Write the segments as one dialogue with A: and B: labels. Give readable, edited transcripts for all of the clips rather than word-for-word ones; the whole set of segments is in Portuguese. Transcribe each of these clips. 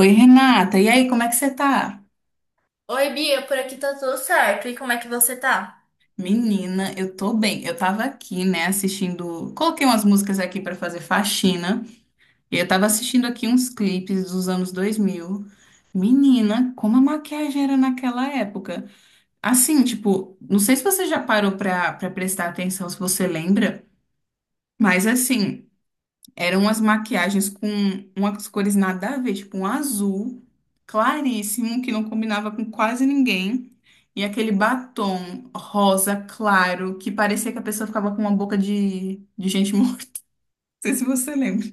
A: Oi, Renata. E aí, como é que você tá?
B: Oi, Bia, por aqui tá tudo certo. E como é que você tá?
A: Menina, eu tô bem. Eu tava aqui, né, assistindo. Coloquei umas músicas aqui pra fazer faxina. E eu tava assistindo aqui uns clipes dos anos 2000. Menina, como a maquiagem era naquela época. Assim, tipo, não sei se você já parou pra prestar atenção, se você lembra, mas assim. Eram umas maquiagens com umas cores nada a ver, tipo um azul claríssimo, que não combinava com quase ninguém. E aquele batom rosa claro, que parecia que a pessoa ficava com uma boca de gente morta. Não sei se você lembra.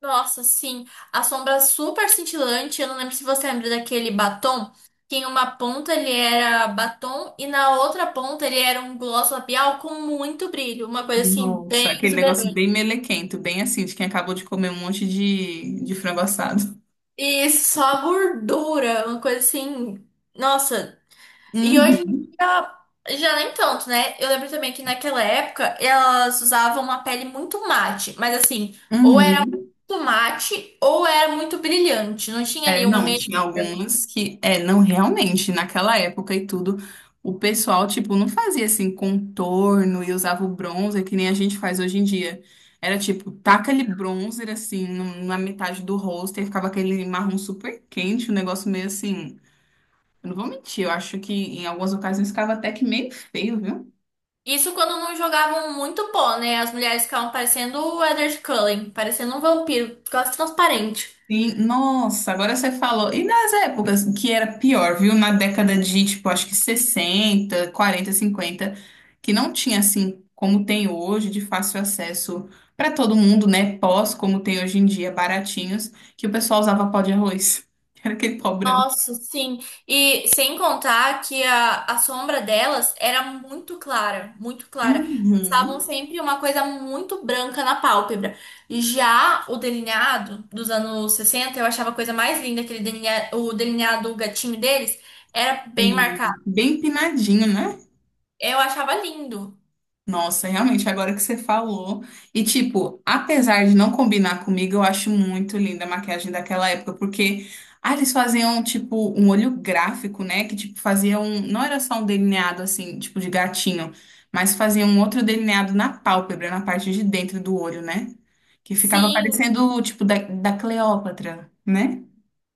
B: Nossa, sim, a sombra é super cintilante. Eu não lembro se você lembra daquele batom, que em uma ponta ele era batom e na outra ponta ele era um gloss labial com muito brilho, uma coisa assim
A: Nossa,
B: bem
A: aquele negócio
B: exuberante.
A: bem melequento, bem assim, de quem acabou de comer um monte de frango assado.
B: E só gordura, uma coisa assim, nossa. E hoje em
A: Uhum.
B: dia já nem tanto, né? Eu lembro também que naquela época elas usavam uma pele muito mate, mas assim, ou
A: Uhum.
B: tomate ou era muito brilhante. Não tinha
A: É,
B: ali um
A: não,
B: meio.
A: tinha algumas que, é, não, realmente, naquela época e tudo, o pessoal, tipo, não fazia assim contorno e usava o bronzer que nem a gente faz hoje em dia. Era tipo, taca ali bronzer assim na metade do rosto e ficava aquele marrom super quente, um negócio meio assim. Eu não vou mentir, eu acho que em algumas ocasiões ficava até que meio feio, viu?
B: Isso quando não jogavam muito pó, né? As mulheres ficavam parecendo o Edward Cullen, parecendo um vampiro, quase transparente.
A: Sim, nossa, agora você falou. E nas épocas que era pior, viu? Na década de, tipo, acho que 60 40 50 que não tinha assim como tem hoje, de fácil acesso para todo mundo, né? Pós, como tem hoje em dia, baratinhos, que o pessoal usava pó de arroz. Era aquele pó branco.
B: Nossa, sim. E sem contar que a sombra delas era muito clara, muito clara. Estavam
A: Uhum.
B: sempre uma coisa muito branca na pálpebra. E já o delineado dos anos 60 eu achava a coisa mais linda, aquele o delineado gatinho deles, era bem
A: Sim.
B: marcado.
A: Bem empinadinho, né?
B: Eu achava lindo.
A: Nossa, realmente, agora que você falou. E, tipo, apesar de não combinar comigo, eu acho muito linda a maquiagem daquela época, porque ah, eles faziam, tipo, um olho gráfico, né? Que, tipo, faziam. Não era só um delineado, assim, tipo, de gatinho, mas faziam um outro delineado na pálpebra, na parte de dentro do olho, né? Que ficava
B: Sim,
A: parecendo, tipo, da, da Cleópatra, né?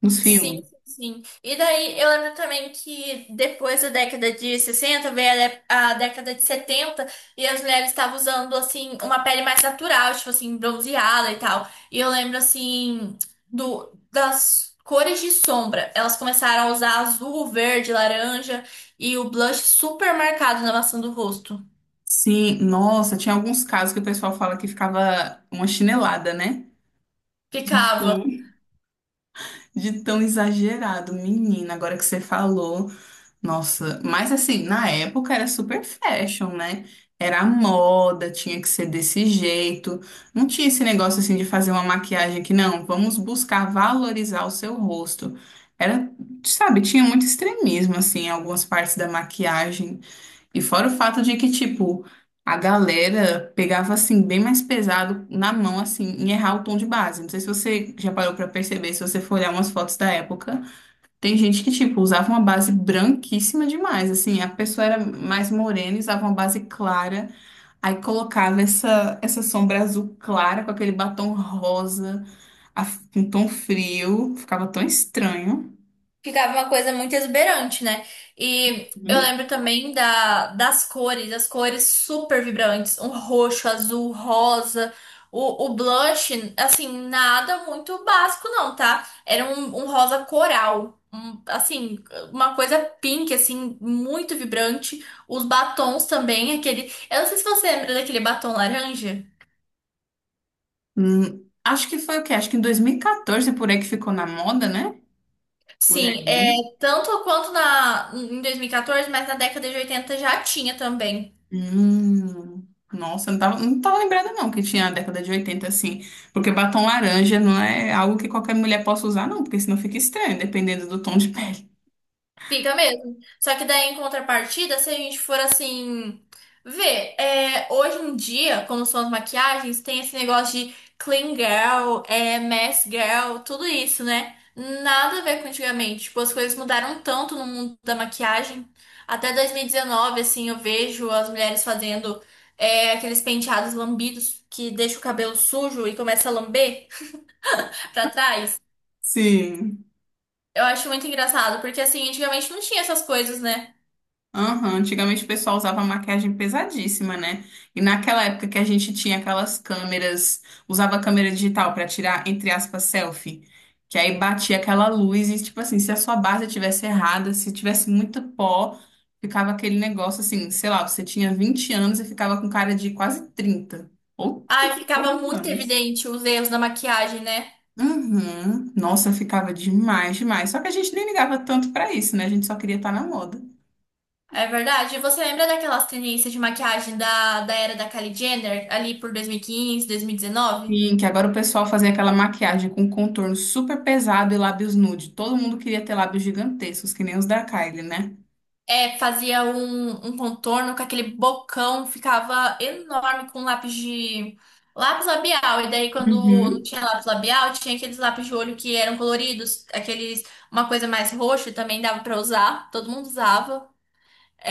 A: Nos
B: sim,
A: filmes.
B: sim, sim. E daí eu lembro também que depois da década de 60 veio a década de 70 e as mulheres estavam usando assim uma pele mais natural, tipo assim, bronzeada e tal. E eu lembro assim do das cores de sombra. Elas começaram a usar azul, verde, laranja e o blush super marcado na maçã do rosto.
A: Sim, nossa, tinha alguns casos que o pessoal fala que ficava uma chinelada, né?
B: Ficava.
A: De tão exagerado, menina, agora que você falou. Nossa, mas assim, na época era super fashion, né? Era a moda, tinha que ser desse jeito. Não tinha esse negócio assim de fazer uma maquiagem que não, vamos buscar valorizar o seu rosto. Era, sabe, tinha muito extremismo assim em algumas partes da maquiagem. E fora o fato de que, tipo, a galera pegava, assim, bem mais pesado na mão, assim, em errar o tom de base. Não sei se você já parou pra perceber, se você for olhar umas fotos da época, tem gente que, tipo, usava uma base branquíssima demais, assim, a pessoa era mais morena, e usava uma base clara, aí colocava essa sombra azul clara com aquele batom rosa, a- com tom frio, ficava tão estranho.
B: Ficava uma coisa muito exuberante, né? E eu
A: Uhum.
B: lembro também da, das cores, as cores super vibrantes, um roxo, azul, rosa, o blush, assim, nada muito básico não, tá? Era um rosa coral, assim, uma coisa pink, assim, muito vibrante. Os batons também, aquele... Eu não sei se você lembra daquele batom laranja.
A: Acho que foi o quê? Acho que em 2014, por aí que ficou na moda, né? Por
B: Sim, é
A: aí.
B: tanto quanto na, em 2014, mas na década de 80 já tinha também.
A: Hum, nossa, não tava lembrada não que tinha a década de 80 assim, porque batom laranja não é algo que qualquer mulher possa usar não, porque senão fica estranho, dependendo do tom de pele.
B: Fica mesmo. Só que daí, em contrapartida, se a gente for assim, ver, é, hoje em dia, como são as maquiagens, tem esse negócio de clean girl, é, mess girl, tudo isso, né? Nada a ver com antigamente. Tipo, as coisas mudaram tanto no mundo da maquiagem. Até 2019, assim, eu vejo as mulheres fazendo, é, aqueles penteados lambidos que deixa o cabelo sujo e começa a lamber pra trás.
A: Sim.
B: Eu acho muito engraçado, porque assim, antigamente não tinha essas coisas, né?
A: Aham, antigamente o pessoal usava maquiagem pesadíssima, né? E naquela época que a gente tinha aquelas câmeras, usava câmera digital pra tirar, entre aspas, selfie, que aí batia aquela luz e, tipo assim, se a sua base tivesse errada, se tivesse muito pó, ficava aquele negócio assim, sei lá, você tinha 20 anos e ficava com cara de quase 30 ou
B: Ai,
A: 30 e
B: ficava
A: poucos
B: muito
A: anos.
B: evidente os erros da maquiagem, né?
A: Uhum. Nossa, eu ficava demais, demais. Só que a gente nem ligava tanto pra isso, né? A gente só queria estar na moda.
B: É verdade. E você lembra daquelas tendências de maquiagem da era da Kylie Jenner, ali por 2015, 2019?
A: Sim, que agora o pessoal fazia aquela maquiagem com um contorno super pesado e lábios nude. Todo mundo queria ter lábios gigantescos, que nem os da Kylie, né?
B: É, fazia um contorno com aquele bocão, ficava enorme com lápis de. Lápis labial. E daí, quando não
A: Uhum.
B: tinha lápis labial, tinha aqueles lápis de olho que eram coloridos, aqueles. Uma coisa mais roxa também dava pra usar, todo mundo usava.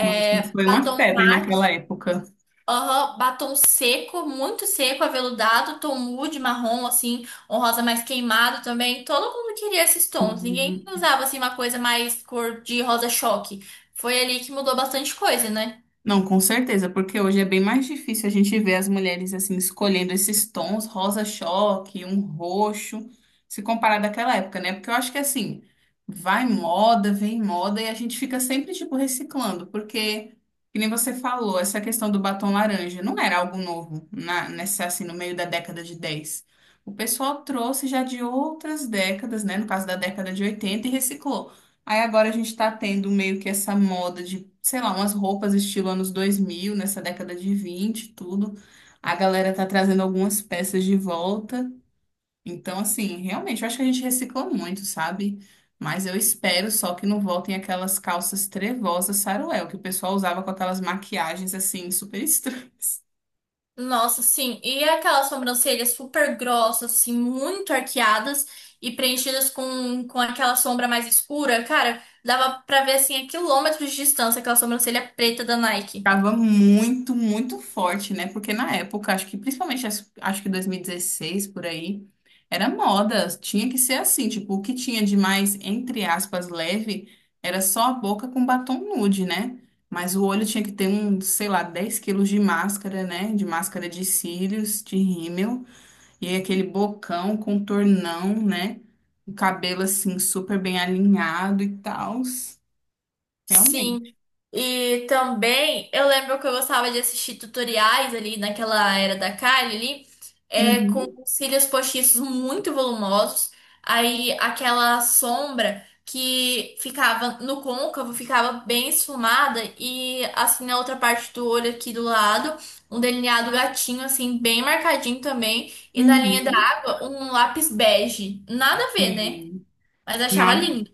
A: Nossa, foi uma
B: batom
A: febre
B: mate.
A: naquela época.
B: Aham, batom seco, muito seco, aveludado, tom nude, marrom, assim, um rosa mais queimado também. Todo mundo queria esses tons, ninguém
A: Sim.
B: usava, assim, uma coisa mais cor de rosa choque. Foi ali que mudou bastante coisa, né?
A: Não, com certeza, porque hoje é bem mais difícil a gente ver as mulheres assim escolhendo esses tons, rosa choque, um roxo, se comparar daquela época, né? Porque eu acho que assim, vai moda, vem moda e a gente fica sempre tipo reciclando, porque que nem você falou, essa questão do batom laranja não era algo novo na nessa assim no meio da década de 10. O pessoal trouxe já de outras décadas, né, no caso da década de 80 e reciclou. Aí agora a gente tá tendo meio que essa moda de, sei lá, umas roupas estilo anos 2000, nessa década de 20, e tudo. A galera tá trazendo algumas peças de volta. Então, assim, realmente, eu acho que a gente recicla muito, sabe? Mas eu espero só que não voltem aquelas calças trevosas saruel, que o pessoal usava com aquelas maquiagens, assim, super estranhas.
B: Nossa, sim, e aquelas sobrancelhas super grossas, assim, muito arqueadas e preenchidas com aquela sombra mais escura, cara, dava pra ver, assim, a quilômetros de distância aquela sobrancelha preta da Nike.
A: Tava muito, muito forte, né? Porque na época, acho que principalmente, acho que 2016 por aí, era moda, tinha que ser assim, tipo, o que tinha de mais, entre aspas, leve, era só a boca com batom nude, né? Mas o olho tinha que ter um, sei lá, 10 quilos de máscara, né? De máscara de cílios, de rímel, e aí aquele bocão, contornão, né? O cabelo, assim, super bem alinhado e tal. Realmente.
B: Sim. E também eu lembro que eu gostava de assistir tutoriais ali naquela era da Kylie ali, é, com
A: Uhum.
B: os cílios postiços muito volumosos, aí aquela sombra que ficava no côncavo ficava bem esfumada e assim na outra parte do olho aqui do lado, um delineado gatinho assim bem marcadinho também e na linha da
A: Uhum.
B: água um lápis bege. Nada a ver, né?
A: E
B: Mas eu achava
A: nada.
B: lindo.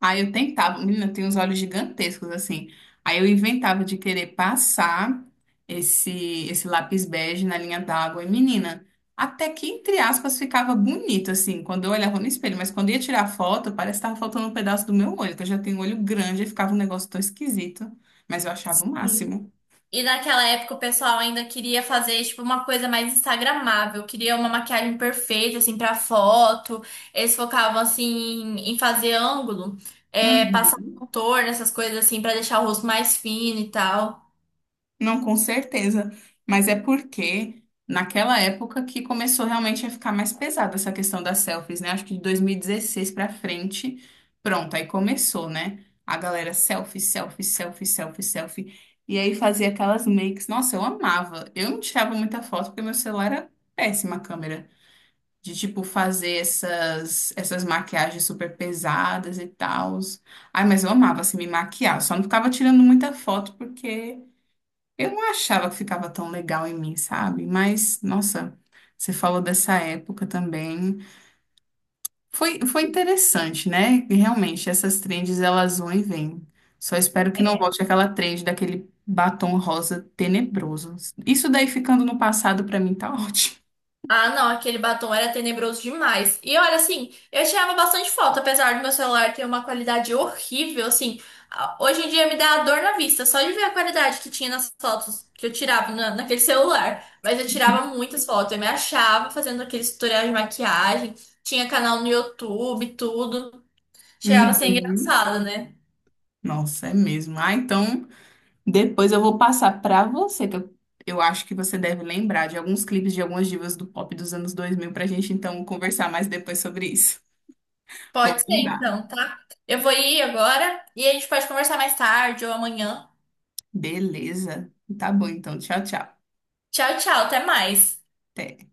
A: Aí eu tentava, menina, tem uns olhos gigantescos assim. Aí eu inventava de querer passar esse lápis bege na linha d'água e menina, até que entre aspas ficava bonito assim, quando eu olhava no espelho, mas quando eu ia tirar foto, parece que tava faltando um pedaço do meu olho, que eu já tenho um olho grande e ficava um negócio tão esquisito, mas eu achava o máximo.
B: E naquela época o pessoal ainda queria fazer tipo uma coisa mais instagramável, queria uma maquiagem perfeita assim para foto. Eles focavam assim em fazer ângulo, é, passar
A: Uhum.
B: contorno, essas coisas assim para deixar o rosto mais fino e tal.
A: Não, com certeza. Mas é porque naquela época que começou realmente a ficar mais pesada essa questão das selfies, né? Acho que de 2016 pra frente, pronto, aí começou, né? A galera selfie, selfie, selfie, selfie, selfie. E aí fazia aquelas makes. Nossa, eu amava. Eu não tirava muita foto porque meu celular era péssima a câmera. De, tipo, fazer essas maquiagens super pesadas e tal. Ai, mas eu amava, assim, me maquiar. Eu só não ficava tirando muita foto porque. Eu não achava que ficava tão legal em mim, sabe? Mas, nossa, você falou dessa época também. Foi interessante, né? E realmente, essas trends, elas vão e vêm. Só espero que não volte aquela trend daquele batom rosa tenebroso. Isso daí ficando no passado, pra mim, tá ótimo.
B: Ah, não, aquele batom era tenebroso demais. E olha, assim, eu tirava bastante foto, apesar do meu celular ter uma qualidade horrível, hoje em dia me dá dor na vista, só de ver a qualidade que tinha nas fotos que eu tirava naquele celular. Mas eu tirava muitas fotos, eu me achava fazendo aqueles tutoriais de maquiagem, tinha canal no YouTube, tudo. Chegava a ser
A: Uhum.
B: engraçado, né?
A: Nossa, é mesmo. Ah, então, depois eu vou passar pra você, que eu acho que você deve lembrar de alguns clipes de algumas divas do pop dos anos 2000, pra gente, então, conversar mais depois sobre isso. Vou
B: Pode ser
A: mandar.
B: então, tá? Eu vou ir agora e a gente pode conversar mais tarde ou amanhã.
A: Beleza. Tá bom, então. Tchau, tchau.
B: Tchau, tchau, até mais.
A: Até.